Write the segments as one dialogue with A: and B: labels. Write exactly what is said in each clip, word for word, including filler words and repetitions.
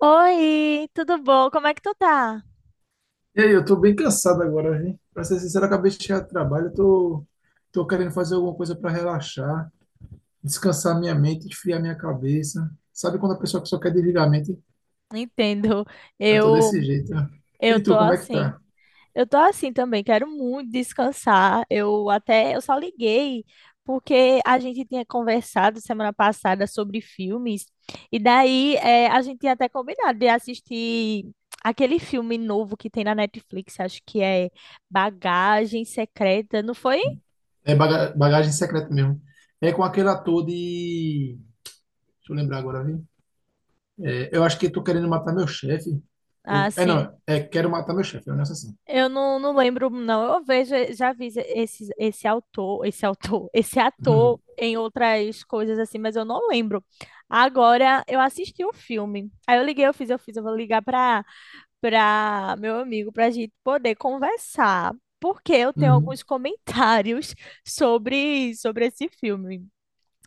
A: Oi, tudo bom? Como é que tu tá?
B: E aí, eu tô bem cansado agora, hein? Pra ser sincero, eu acabei de chegar do trabalho, eu tô, tô querendo fazer alguma coisa para relaxar, descansar minha mente, esfriar minha cabeça. Sabe quando a pessoa só quer desligar a mente?
A: Entendo.
B: Eu tô
A: Eu
B: desse jeito. Ó.
A: eu
B: E tu,
A: tô
B: como é que
A: assim.
B: tá?
A: Eu tô assim também, quero muito descansar. Eu até eu só liguei porque a gente tinha conversado semana passada sobre filmes e daí eh, a gente tinha até combinado de assistir aquele filme novo que tem na Netflix, acho que é Bagagem Secreta, não foi?
B: É baga- bagagem secreta mesmo. É com aquele ator de. Deixa eu lembrar agora, viu? É, eu acho que tô querendo matar meu chefe. Eu- É, não,
A: Assim,
B: é quero matar meu chefe, é um negócio assim.
A: Eu não, não lembro, não. Eu vejo, eh, já vi esse, esse autor, esse autor, esse ator em outras coisas assim, mas eu não lembro. Agora eu assisti um filme. Aí eu liguei, eu fiz, eu fiz, eu vou ligar para para meu amigo para a gente poder conversar, porque eu tenho
B: Uhum,
A: alguns comentários sobre sobre esse filme.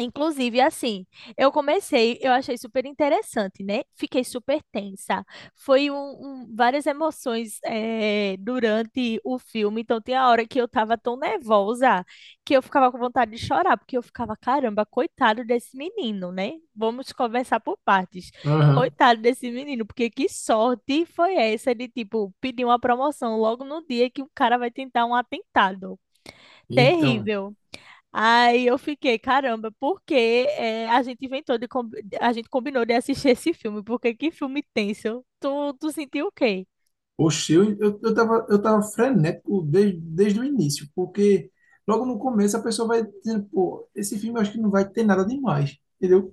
A: Inclusive, assim, eu comecei, eu achei super interessante, né? Fiquei super tensa. Foi um, um- várias emoções eh, durante o filme. Então, tem a hora que eu tava tão nervosa que eu ficava com vontade de chorar, porque eu ficava, caramba, coitado desse menino, né? Vamos conversar por partes.
B: uhum, aham.
A: Coitado desse menino, porque que sorte foi essa de, tipo, pedir uma promoção logo no dia que o cara vai tentar um atentado.
B: Então.
A: Terrível. Aí eu fiquei, caramba, por que eh, a gente inventou de com- a gente combinou de assistir esse filme? Porque que filme tenso? Tu, tu sentiu o quê?
B: Oxe, eu, eu, eu tava, eu tava frenético desde, desde o início, porque logo no começo a pessoa vai dizendo, pô, esse filme eu acho que não vai ter nada demais, entendeu?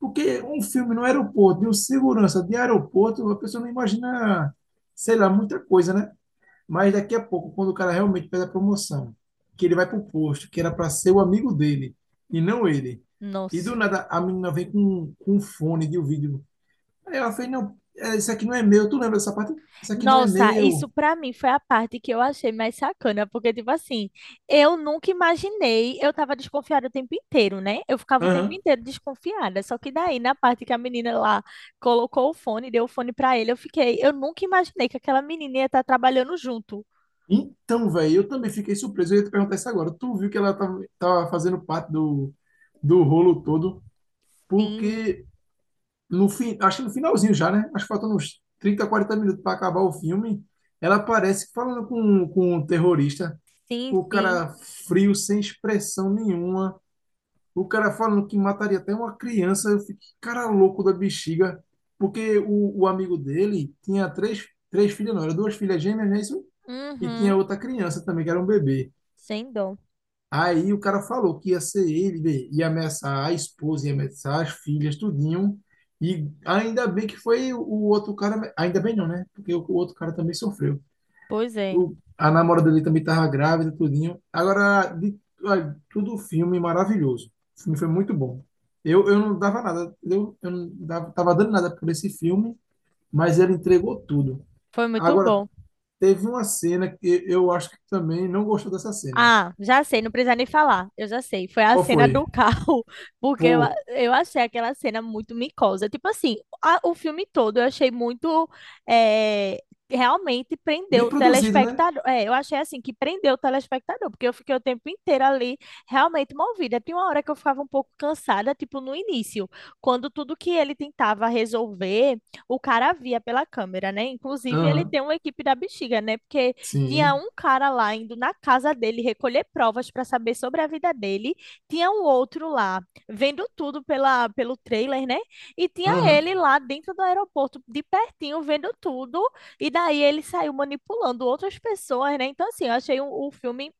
B: Porque um filme no aeroporto, de um segurança de aeroporto, a pessoa não imagina, sei lá, muita coisa, né? Mas daqui a pouco, quando o cara realmente pede a promoção, que ele vai pro posto, que era para ser o amigo dele, e não ele. E do
A: Nossa.
B: nada a menina vem com, com um fone de ouvido. Aí ela fez, não, é, isso aqui não é meu, tu lembra dessa parte? Isso aqui não é
A: Nossa, isso
B: meu.
A: pra mim foi a parte que eu achei mais sacana, porque tipo assim, eu nunca imaginei, eu tava desconfiada o tempo inteiro, né? Eu ficava o tempo
B: Aham.
A: inteiro desconfiada, só que daí na parte que a menina lá colocou o fone, deu o fone pra ele, eu fiquei, eu nunca imaginei que aquela menina ia estar trabalhando junto.
B: Então, velho, eu também fiquei surpreso. Eu ia te perguntar isso agora. Tu viu que ela tava, tava fazendo parte do, do rolo todo,
A: Sim,
B: porque no fim, acho que no finalzinho já, né? Acho que faltando uns trinta, quarenta minutos para acabar o filme, ela aparece falando com, com um terrorista,
A: sim,
B: o
A: sim.
B: cara frio, sem expressão nenhuma, o cara falando que mataria até uma criança. Eu fiquei, cara louco da bexiga, porque o, o amigo dele tinha três, três filhas, não, era duas filhas gêmeas, né? Isso e tinha
A: Uhum.
B: outra criança também, que era um bebê.
A: Sem dó.
B: Aí o cara falou que ia ser ele, bem, ia ameaçar a esposa, ia ameaçar as filhas, tudinho. E ainda bem que foi o outro cara, ainda bem não, né? Porque o, o outro cara também sofreu.
A: Pois é.
B: O, a namorada dele também estava grávida, tudinho. Agora, de, olha, tudo filme maravilhoso. O filme foi muito bom. Eu, eu não dava nada, eu, eu não dava, tava dando nada por esse filme, mas ele entregou tudo.
A: Foi muito
B: Agora,
A: bom.
B: teve uma cena que eu acho que também não gostou dessa cena.
A: Ah, já sei, não precisa nem falar. Eu já sei. Foi a
B: Qual
A: cena
B: foi?
A: do carro, porque eu, a-
B: Pô,
A: eu achei aquela cena muito micosa. Tipo assim, a- o filme todo eu achei muito. eh, realmente prendeu
B: bem
A: o
B: produzido, né?
A: telespectador. É, eu achei assim que prendeu o telespectador, porque eu fiquei o tempo inteiro ali realmente movida. Tinha uma hora que eu ficava um pouco cansada, tipo no início, quando tudo que ele tentava resolver, o cara via pela câmera, né? Inclusive, ele
B: Aham,
A: tem uma equipe da bexiga, né? Porque tinha
B: sim.
A: um cara lá indo na casa dele recolher provas para saber sobre a vida dele. Tinha um outro lá vendo tudo pela, pelo trailer, né? E tinha
B: Aham,
A: ele lá dentro do aeroporto, de pertinho, vendo tudo. E daí ele saiu manipulando outras pessoas, né? Então, assim, eu achei o, o filme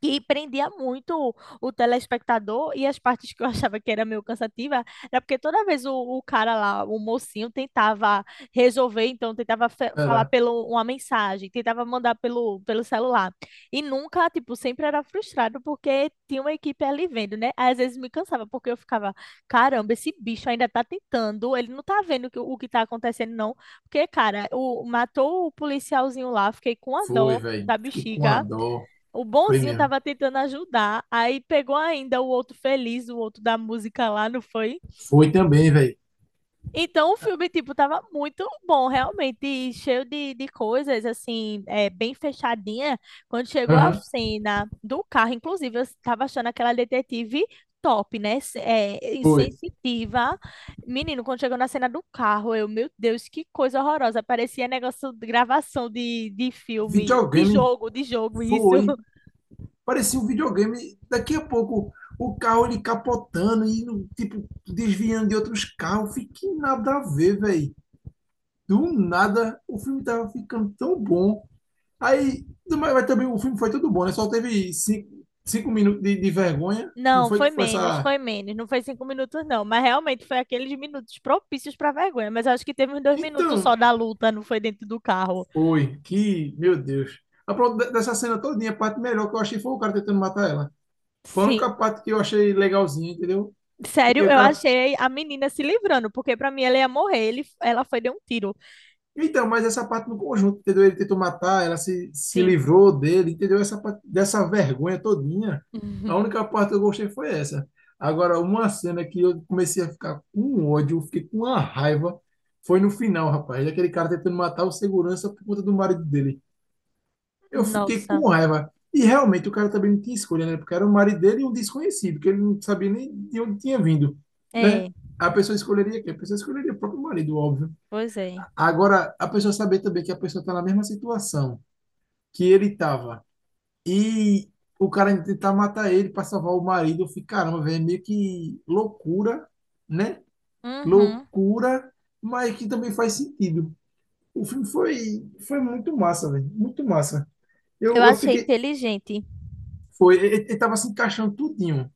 A: que prendia muito o o telespectador e as partes que eu achava que era meio cansativa era porque toda vez o, o cara lá, o mocinho, tentava resolver, então tentava fe- falar
B: era.
A: pelo uma mensagem, tentava mandar pelo, pelo celular. E nunca, tipo, sempre era frustrado porque tinha uma equipe ali vendo, né? Às vezes me cansava porque eu ficava, caramba, esse bicho ainda tá tentando, ele não tá vendo o que, o que tá acontecendo, não. Porque, cara, o, matou o policialzinho lá, fiquei com a
B: Foi,
A: dó
B: velho.
A: da
B: Fiquei com a
A: bexiga.
B: dó.
A: O
B: Foi
A: bonzinho
B: mesmo.
A: tava tentando ajudar, aí pegou ainda o outro feliz, o outro da música lá, não foi?
B: Foi também, velho.
A: Então o filme, tipo, tava muito bom, realmente, e cheio de, de coisas, assim, é, bem fechadinha. Quando chegou a
B: Aham,
A: cena do carro, inclusive, eu tava achando aquela detetive top, né? Se- É,
B: foi.
A: insensitiva. Menino, quando chegou na cena do carro, eu, meu Deus, que coisa horrorosa. Parecia negócio de gravação de, de filme, de
B: Videogame,
A: jogo, de jogo, isso.
B: foi. Parecia um videogame. Daqui a pouco, o carro ele capotando e, no- tipo, desviando de outros carros. Fiquei nada a ver, velho. Do nada, o filme tava ficando tão bom. Aí, mas mas também o filme foi tudo bom, né? Só teve cinco, cinco minutos de, de vergonha. Não
A: Não,
B: foi que
A: foi
B: foi
A: menos,
B: essa.
A: foi menos. Não foi cinco minutos, não. Mas realmente foi aqueles minutos propícios para vergonha. Mas eu acho que teve uns dois minutos só
B: Então,
A: da luta, não foi dentro do carro.
B: foi, que, meu Deus. A pro- de- dessa cena todinha, a parte melhor que eu achei foi o cara tentando matar ela. Foi a única
A: Sim.
B: parte que eu achei legalzinha, entendeu?
A: Sério,
B: Porque o
A: eu
B: cara.
A: achei a menina se livrando, porque pra mim ela ia morrer. Ele, ela foi deu um tiro.
B: Então, mas essa parte no conjunto, entendeu? Ele tentou matar, ela se, se
A: Sim, sim.
B: livrou dele, entendeu? Essa parte dessa vergonha todinha. A
A: Uhum.
B: única parte que eu gostei foi essa. Agora, uma cena que eu comecei a ficar com ódio, fiquei com uma raiva, foi no final, rapaz. Aquele cara tentando matar o segurança por conta do marido dele. Eu fiquei
A: Nossa.
B: com raiva. E realmente o cara também não tinha escolha, né? Porque era o marido dele e um desconhecido, que ele não sabia nem de onde tinha vindo, né?
A: É,
B: A pessoa escolheria quem? A pessoa escolheria o próprio marido, óbvio.
A: pois é.
B: Agora, a pessoa saber também que a pessoa está na mesma situação que ele estava e o cara ainda tentar matar ele para salvar o marido, eu fico, caramba, velho, é meio que loucura, né?
A: Uhum.
B: Loucura, mas que também faz sentido. O filme foi, foi muito massa, velho, muito massa.
A: Eu
B: Eu, eu
A: achei
B: fiquei,
A: inteligente.
B: Foi, ele, ele tava se encaixando tudinho,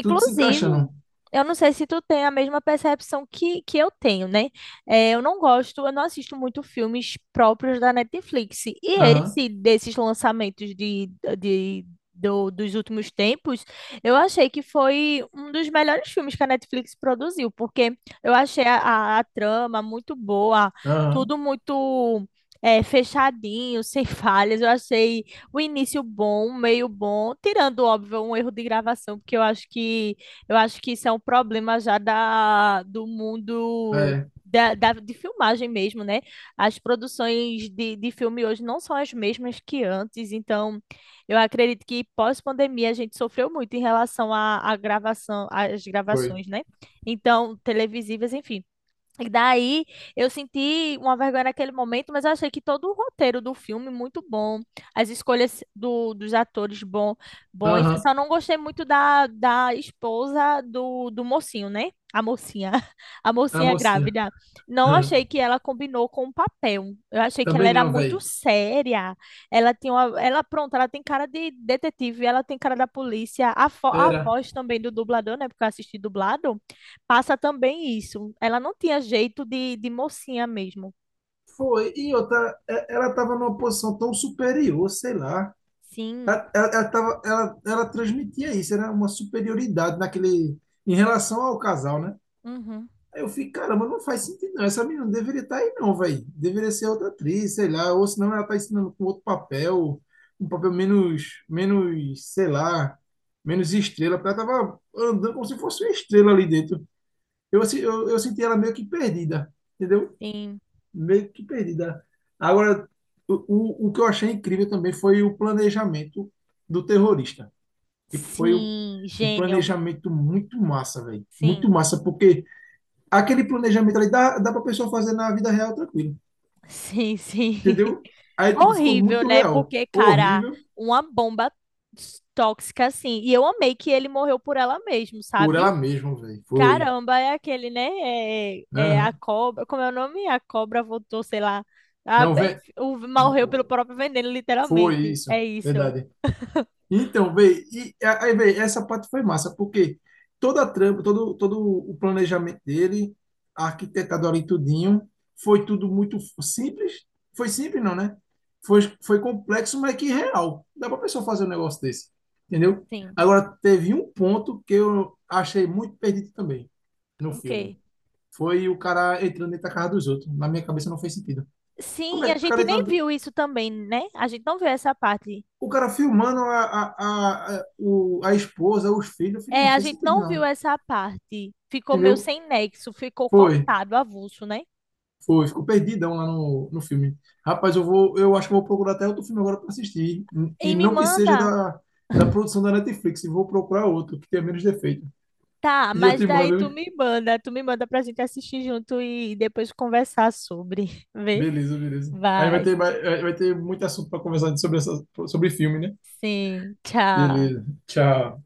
B: tudo se encaixando.
A: eu não sei se tu tem a mesma percepção que, que eu tenho, né? É, eu não gosto, eu não assisto muito filmes próprios da Netflix. E
B: Aham,
A: esse, desses lançamentos de, de, do- dos últimos tempos, eu achei que foi um dos melhores filmes que a Netflix produziu, porque eu achei a, a- a trama muito boa,
B: aham,
A: tudo muito. É, fechadinho, sem falhas. Eu achei o início bom, o meio bom, tirando, óbvio, um erro de gravação, porque eu acho que eu acho que isso é um problema já da, do mundo
B: é,
A: da, da- de filmagem mesmo, né? As produções de, de filme hoje não são as mesmas que antes, então eu acredito que pós-pandemia a gente sofreu muito em relação à à gravação, às
B: foi.
A: gravações, né? Então, televisivas, enfim. E daí eu senti uma vergonha naquele momento, mas eu achei que todo o roteiro do filme muito bom, as escolhas do, dos atores bom, bons.
B: Aham,
A: Só não gostei muito da, da esposa do, do mocinho, né? A mocinha, a
B: a
A: mocinha
B: mocinha.
A: grávida. Não achei
B: Aham.
A: que ela combinou com o papel. Eu achei que ela
B: Também
A: era
B: não,
A: muito
B: velho.
A: séria. Ela tinha uma, ela, pronto, ela tem cara de detetive, ela tem cara da polícia. A, fo- a
B: Era.
A: voz também do dublador, né? Porque eu assisti dublado. Passa também isso. Ela não tinha jeito de, de mocinha mesmo.
B: Foi, e outra, é- ela tava numa posição tão superior, sei lá.
A: Sim.
B: Ela, ela, ela tava, ela, ela transmitia isso, era uma superioridade naquele, em relação ao casal, né?
A: Uhum.
B: Aí eu fiquei, caramba, não faz sentido não. Essa menina não deveria estar aí não, velho. Deveria ser outra atriz, sei lá. Ou senão ela tá ensinando com outro papel, um papel menos, menos, sei lá, menos estrela. Porque ela tava andando como se fosse uma estrela ali dentro. Eu, assim, eu, eu senti ela meio que perdida, entendeu?
A: Sim.
B: Meio que perdida. Agora, o, o, o que eu achei incrível também foi o planejamento do terrorista. Tipo, foi um,
A: Sim.
B: um
A: Gênio.
B: planejamento muito massa, velho. Muito
A: Sim.
B: massa, porque aquele planejamento ali dá, dá pra pessoa fazer na vida real tranquilo,
A: Sim, sim.
B: entendeu? Aí, tipo, ficou
A: Horrível,
B: muito
A: né?
B: real.
A: Porque, cara,
B: Horrível
A: uma bomba s- tóxica assim. E eu amei que ele morreu por ela mesmo,
B: por
A: sabe?
B: ela mesma, velho. Foi.
A: Caramba, é aquele, né? É, é é a
B: Aham.
A: cobra. Como é o nome? A cobra voltou, sei lá. A,
B: Não,
A: é,
B: vem.
A: o, morreu pelo
B: Não,
A: próprio veneno,
B: foi
A: literalmente.
B: isso.
A: É isso.
B: Verdade. Então, véi, e aí, véi, essa parte foi massa, porque toda a trama, todo, todo o planejamento dele, arquitetado ali tudinho, foi tudo muito simples. Foi simples, não, né? Foi, foi complexo, mas que real. Dá pra pessoa fazer um negócio desse, entendeu?
A: Sim.
B: Agora, teve um ponto que eu achei muito perdido também no
A: Ok.
B: filme. Foi o cara entrando dentro da casa dos outros. Na minha cabeça não fez sentido. Como
A: Sim,
B: é
A: e a
B: que o
A: gente
B: cara entra.
A: nem viu isso também, né? A gente não viu essa parte.
B: O cara filmando a, a, a, a, o- a esposa, os filhos, eu falei,
A: É,
B: não
A: a
B: fez
A: gente
B: sentido,
A: não viu
B: não.
A: essa parte. Ficou meio
B: Entendeu?
A: sem nexo, ficou
B: Foi,
A: cortado, avulso, né?
B: foi, ficou perdidão lá no, no filme. Rapaz, eu vou, eu acho que eu vou procurar até outro filme agora para assistir.
A: E
B: E
A: me
B: não que seja
A: manda.
B: da, da produção da Netflix, eu vou procurar outro que tenha menos defeito.
A: Tá,
B: E eu
A: mas
B: te
A: daí
B: mando,
A: tu
B: né?
A: me manda, tu me manda pra gente assistir junto e depois conversar sobre. Vê?
B: Beleza, beleza. Aí vai
A: Vai.
B: ter, mais- aí vai ter muito assunto para conversar sobre, essa, sobre filme, né?
A: Sim, tchau.
B: Beleza. Tchau.